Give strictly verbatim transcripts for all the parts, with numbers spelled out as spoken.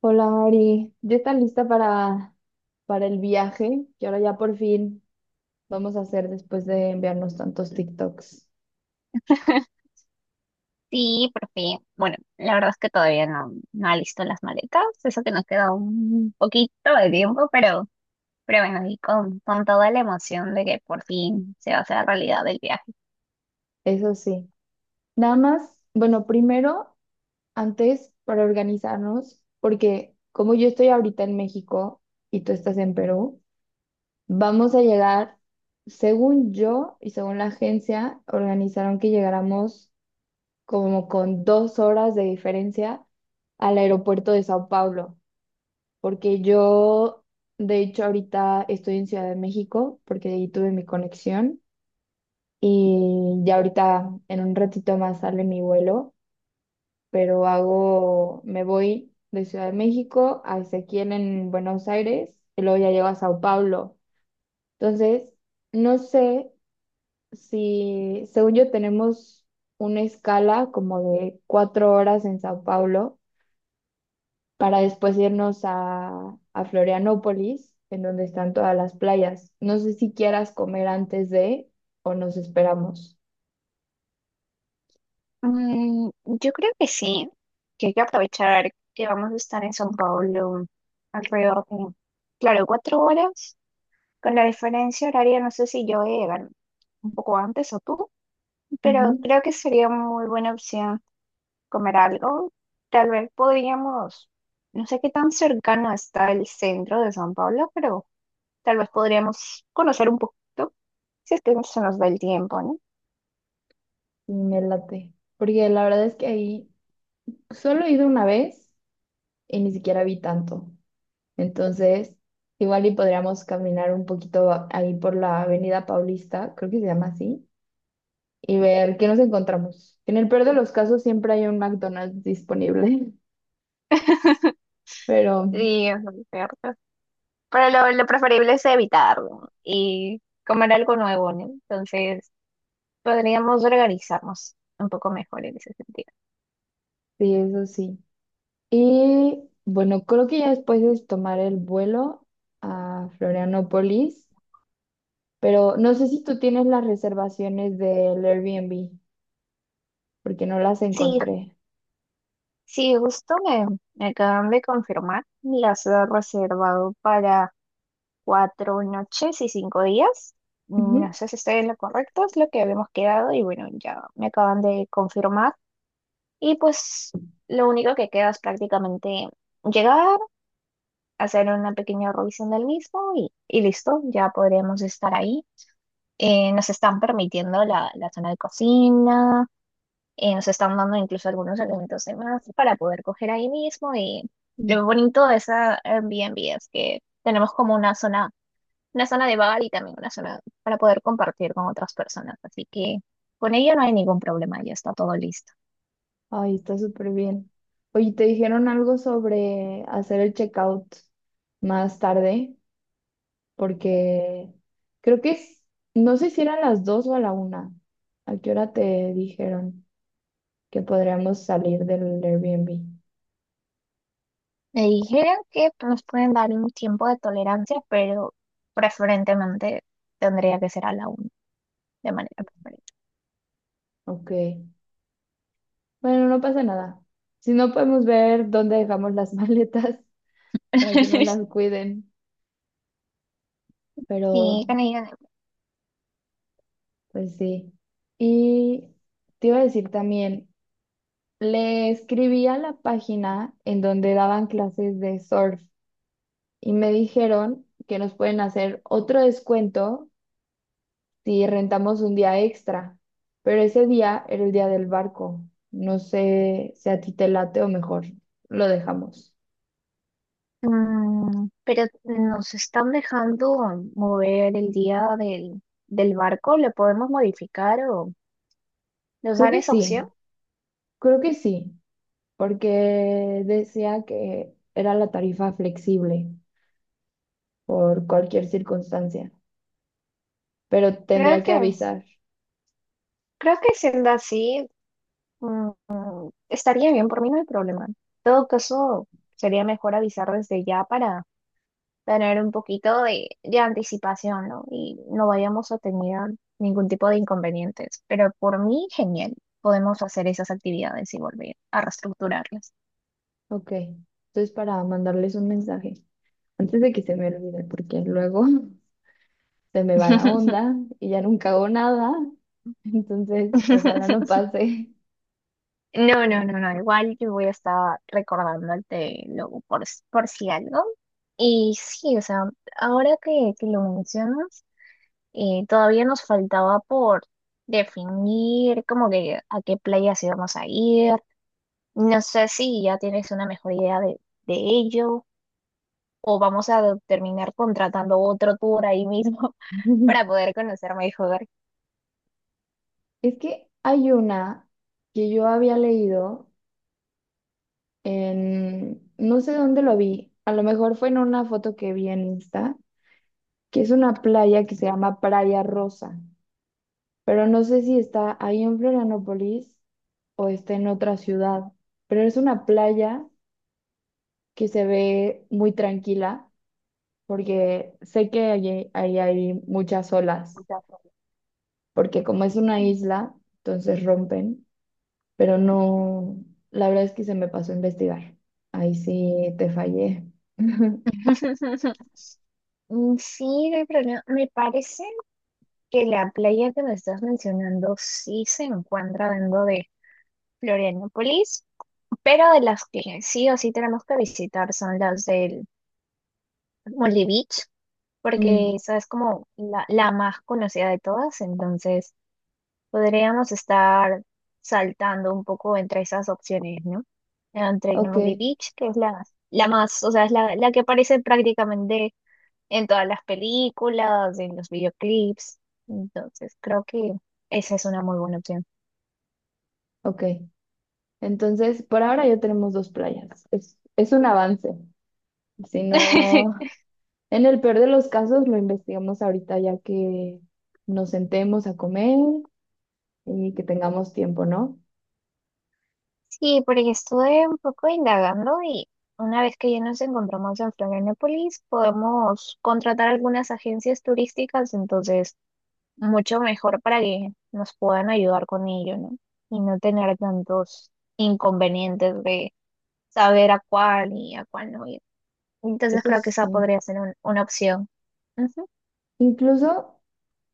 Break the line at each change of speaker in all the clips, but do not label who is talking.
Hola Mari, ¿ya está lista para, para el viaje que ahora ya por fin vamos a hacer después de enviarnos tantos TikToks?
Sí, porque, bueno, la verdad es que todavía no, no alisto las maletas, eso que nos queda un poquito de tiempo, pero, pero bueno, y con, con toda la emoción de que por fin se va a hacer realidad el viaje.
Eso sí. Nada más, bueno, primero, antes para organizarnos, porque como yo estoy ahorita en México y tú estás en Perú, vamos a llegar, según yo y según la agencia, organizaron que llegáramos como con dos horas de diferencia al aeropuerto de Sao Paulo. Porque yo, de hecho, ahorita estoy en Ciudad de México, porque ahí tuve mi conexión y ya ahorita en un ratito más sale mi vuelo, pero hago, me voy de Ciudad de México a Ezequiel en Buenos Aires y luego ya llego a Sao Paulo. Entonces, no sé si, según yo, tenemos una escala como de cuatro horas en Sao Paulo para después irnos a, a Florianópolis, en donde están todas las playas. No sé si quieras comer antes de o nos esperamos.
Mm, yo creo que sí, que hay que aprovechar que vamos a estar en São Paulo alrededor de, claro, cuatro horas, con la diferencia horaria, no sé si yo voy a llegar un poco antes o tú, pero
Ujú.
creo que sería muy buena opción comer algo. Tal vez podríamos, no sé qué tan cercano está el centro de San Pablo, pero tal vez podríamos conocer un poquito, si es que se nos da el tiempo, ¿no?
Y me late, porque la verdad es que ahí solo he ido una vez y ni siquiera vi tanto. Entonces, igual y podríamos caminar un poquito a- ahí por la Avenida Paulista, creo que se llama así, y ver qué nos encontramos. En el peor de los casos siempre hay un McDonald's disponible, pero
Sí, es lo cierto. Pero lo, lo preferible es evitarlo y comer algo nuevo, ¿no? Entonces, podríamos organizarnos un poco mejor en ese sentido.
sí, eso sí. Y bueno, creo que ya después es tomar el vuelo a Florianópolis, pero no sé si tú tienes las reservaciones del Airbnb, porque no las
Sí,
encontré.
sí, justo me, me acaban de confirmar, las he reservado para cuatro noches y cinco días. No
Ujú.
sé si estoy en lo correcto, es lo que habíamos quedado y bueno, ya me acaban de confirmar. Y pues lo único que queda es prácticamente llegar, hacer una pequeña revisión del mismo y, y listo, ya podremos estar ahí. Eh, nos están permitiendo la, la zona de cocina, eh, nos están dando incluso algunos elementos de más para poder coger ahí mismo y
Mm.
lo bonito de esa Airbnb es que tenemos como una zona una zona de bar y también una zona para poder compartir con otras personas. Así que con ello no hay ningún problema, ya está todo listo.
Ay, está súper bien. Oye, ¿te dijeron algo sobre hacer el checkout más tarde? Porque creo que es, no sé si eran las dos o a la una. ¿A qué hora te dijeron que podríamos salir del Airbnb?
Me dijeron que nos pueden dar un tiempo de tolerancia, pero preferentemente tendría que ser a la una, de manera preferente.
Ok. Bueno, no pasa nada. Si no podemos ver dónde dejamos las maletas para que no las cuiden, pero
Sí, con ello,
pues sí. Y te iba a decir también, le escribí a la página en donde daban clases de surf y me dijeron que nos pueden hacer otro descuento si rentamos un día extra, pero ese día era el día del barco. No sé si a ti te late o mejor lo dejamos.
mm, pero nos están dejando mover el día del, del barco, ¿le podemos modificar o nos
Creo
dan
que
esa opción?
sí, creo que sí. Porque decía que era la tarifa flexible por cualquier circunstancia, pero
Creo
tendría que
que,
avisar.
creo que siendo así, mm, estaría bien, por mí no hay problema. En todo caso, sería mejor avisar desde ya para tener un poquito de, de anticipación, ¿no? Y no vayamos a tener ningún tipo de inconvenientes. Pero por mí, genial. Podemos hacer esas actividades y volver a reestructurarlas.
Ok, entonces para mandarles un mensaje, antes de que se me olvide, porque luego se me va la onda y ya nunca hago nada, entonces ojalá no pase.
No, no, no, no. Igual yo voy a estar recordándote luego por, por si algo. Y sí, o sea, ahora que, que lo mencionas. Eh, todavía nos faltaba por definir como que a qué playas íbamos a ir. No sé si ya tienes una mejor idea de, de ello o vamos a terminar contratando otro tour ahí mismo para poder conocer mejor.
Es que hay una que yo había leído en, no sé dónde lo vi, a lo mejor fue en una foto que vi en Insta, que es una playa que se llama Playa Rosa, pero no sé si está ahí en Florianópolis o está en otra ciudad, pero es una playa que se ve muy tranquila porque sé que allí, ahí hay muchas olas, porque como es una isla, entonces rompen, pero no, la verdad es que se me pasó a investigar. Ahí sí te fallé.
Mm, sí, de problema. Me parece que la playa que me estás mencionando sí se encuentra dentro de Florianópolis, pero de las que sí o sí tenemos que visitar son las del Molly Beach.
Mm,
Porque esa es como la, la más conocida de todas, entonces podríamos estar saltando un poco entre esas opciones, ¿no? Entre
ok,
Gnome Beach, que es la, la más, o sea, es la, la que aparece prácticamente en todas las películas, en los videoclips, entonces creo que esa es una muy buena opción.
ok. Entonces, por ahora ya tenemos dos playas. Es, es un avance. Si no, en el peor de los casos lo investigamos ahorita ya que nos sentemos a comer y que tengamos tiempo, ¿no?
Sí, porque estuve un poco indagando y una vez que ya nos encontramos en Florianópolis, podemos contratar algunas agencias turísticas, entonces mucho mejor para que nos puedan ayudar con ello, ¿no? Y no tener tantos inconvenientes de saber a cuál y a cuál no ir. Entonces
Eso
creo que esa
sí.
podría ser un- una opción. Ujú.
Incluso,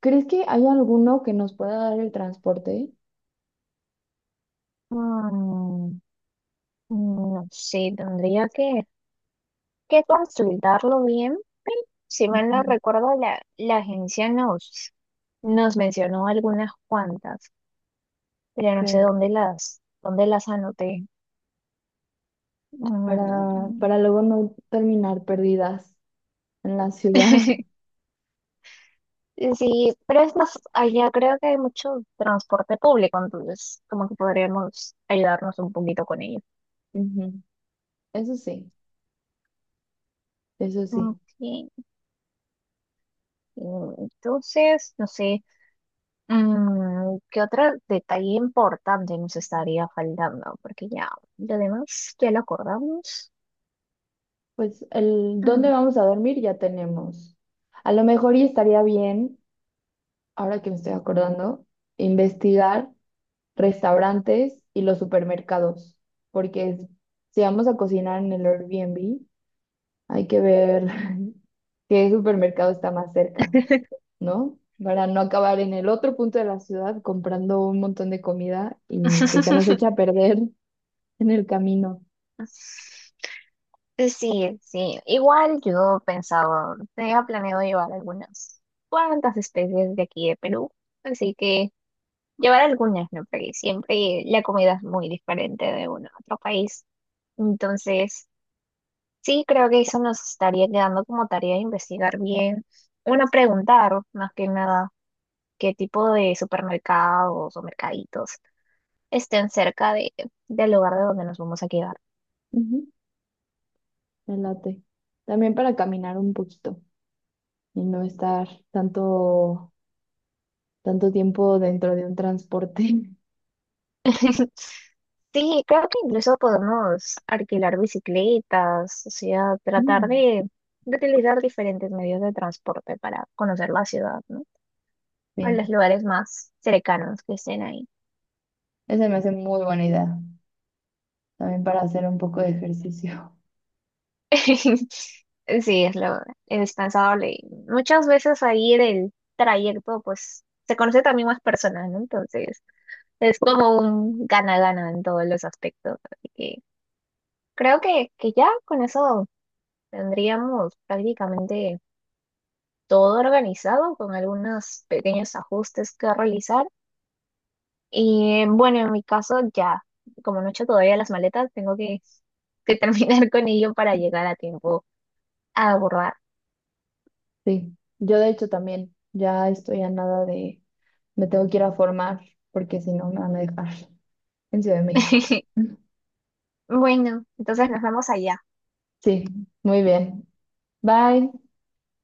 ¿crees que hay alguno que nos pueda dar el transporte?
Mm, no sé, tendría que, que consultarlo bien. Pero si mal no
Ujú.
recuerdo, la, la agencia nos, nos mencionó algunas cuantas, pero no sé
Ok.
dónde las, dónde las anoté.
Para,
Mm.
para luego no terminar perdidas en la ciudad.
Sí, pero es más, allá creo que hay mucho transporte público, entonces como que podríamos ayudarnos un poquito con ello.
Ujú. Eso sí, eso sí.
Ok, mm, entonces, no sé, mm, ¿qué otro detalle importante nos estaría faltando? Porque ya, lo demás ya lo acordamos.
Pues el dónde
Mm.
vamos a dormir ya tenemos. A lo mejor y estaría bien, ahora que me estoy acordando, investigar restaurantes y los supermercados, porque si vamos a cocinar en el Airbnb, hay que ver qué supermercado está más cerca, ¿no? Para no acabar en el otro punto de la ciudad comprando un montón de comida y que se nos echa a perder en el camino.
Sí, sí, igual yo pensaba, tenía planeado llevar algunas cuantas especies de aquí de Perú, así que... Llevar algunas, ¿no? Porque siempre la comida es muy diferente de uno a otro país. Entonces, sí, creo que eso nos estaría quedando como tarea de investigar bien. Bueno, preguntar más que nada qué tipo de supermercados o mercaditos estén cerca de, del lugar de donde nos vamos a quedar.
Ujú, me late. También para caminar un poquito y no estar tanto, tanto tiempo dentro de un transporte.
Sí, creo que incluso podemos alquilar bicicletas, o sea, tratar
Mm,
de, de utilizar diferentes medios de transporte para conocer la ciudad, ¿no? A
sí,
los lugares más cercanos que estén ahí.
esa me hace muy buena idea. También para hacer un poco de ejercicio.
Sí, es lo indispensable. Y muchas veces ahí en el trayecto, pues se conoce también más personas, ¿no? Entonces, es como un gana-gana en todos los aspectos. Así que creo que, que ya con eso tendríamos prácticamente todo organizado, con algunos pequeños ajustes que realizar. Y bueno, en mi caso ya, como no he hecho todavía las maletas, tengo que, que terminar con ello para llegar a tiempo a abordar.
Sí, yo de hecho también ya estoy a nada de, me tengo que ir a formar porque si no me van a dejar en Ciudad de México.
Bueno, entonces nos vemos allá.
Sí, muy bien. Bye.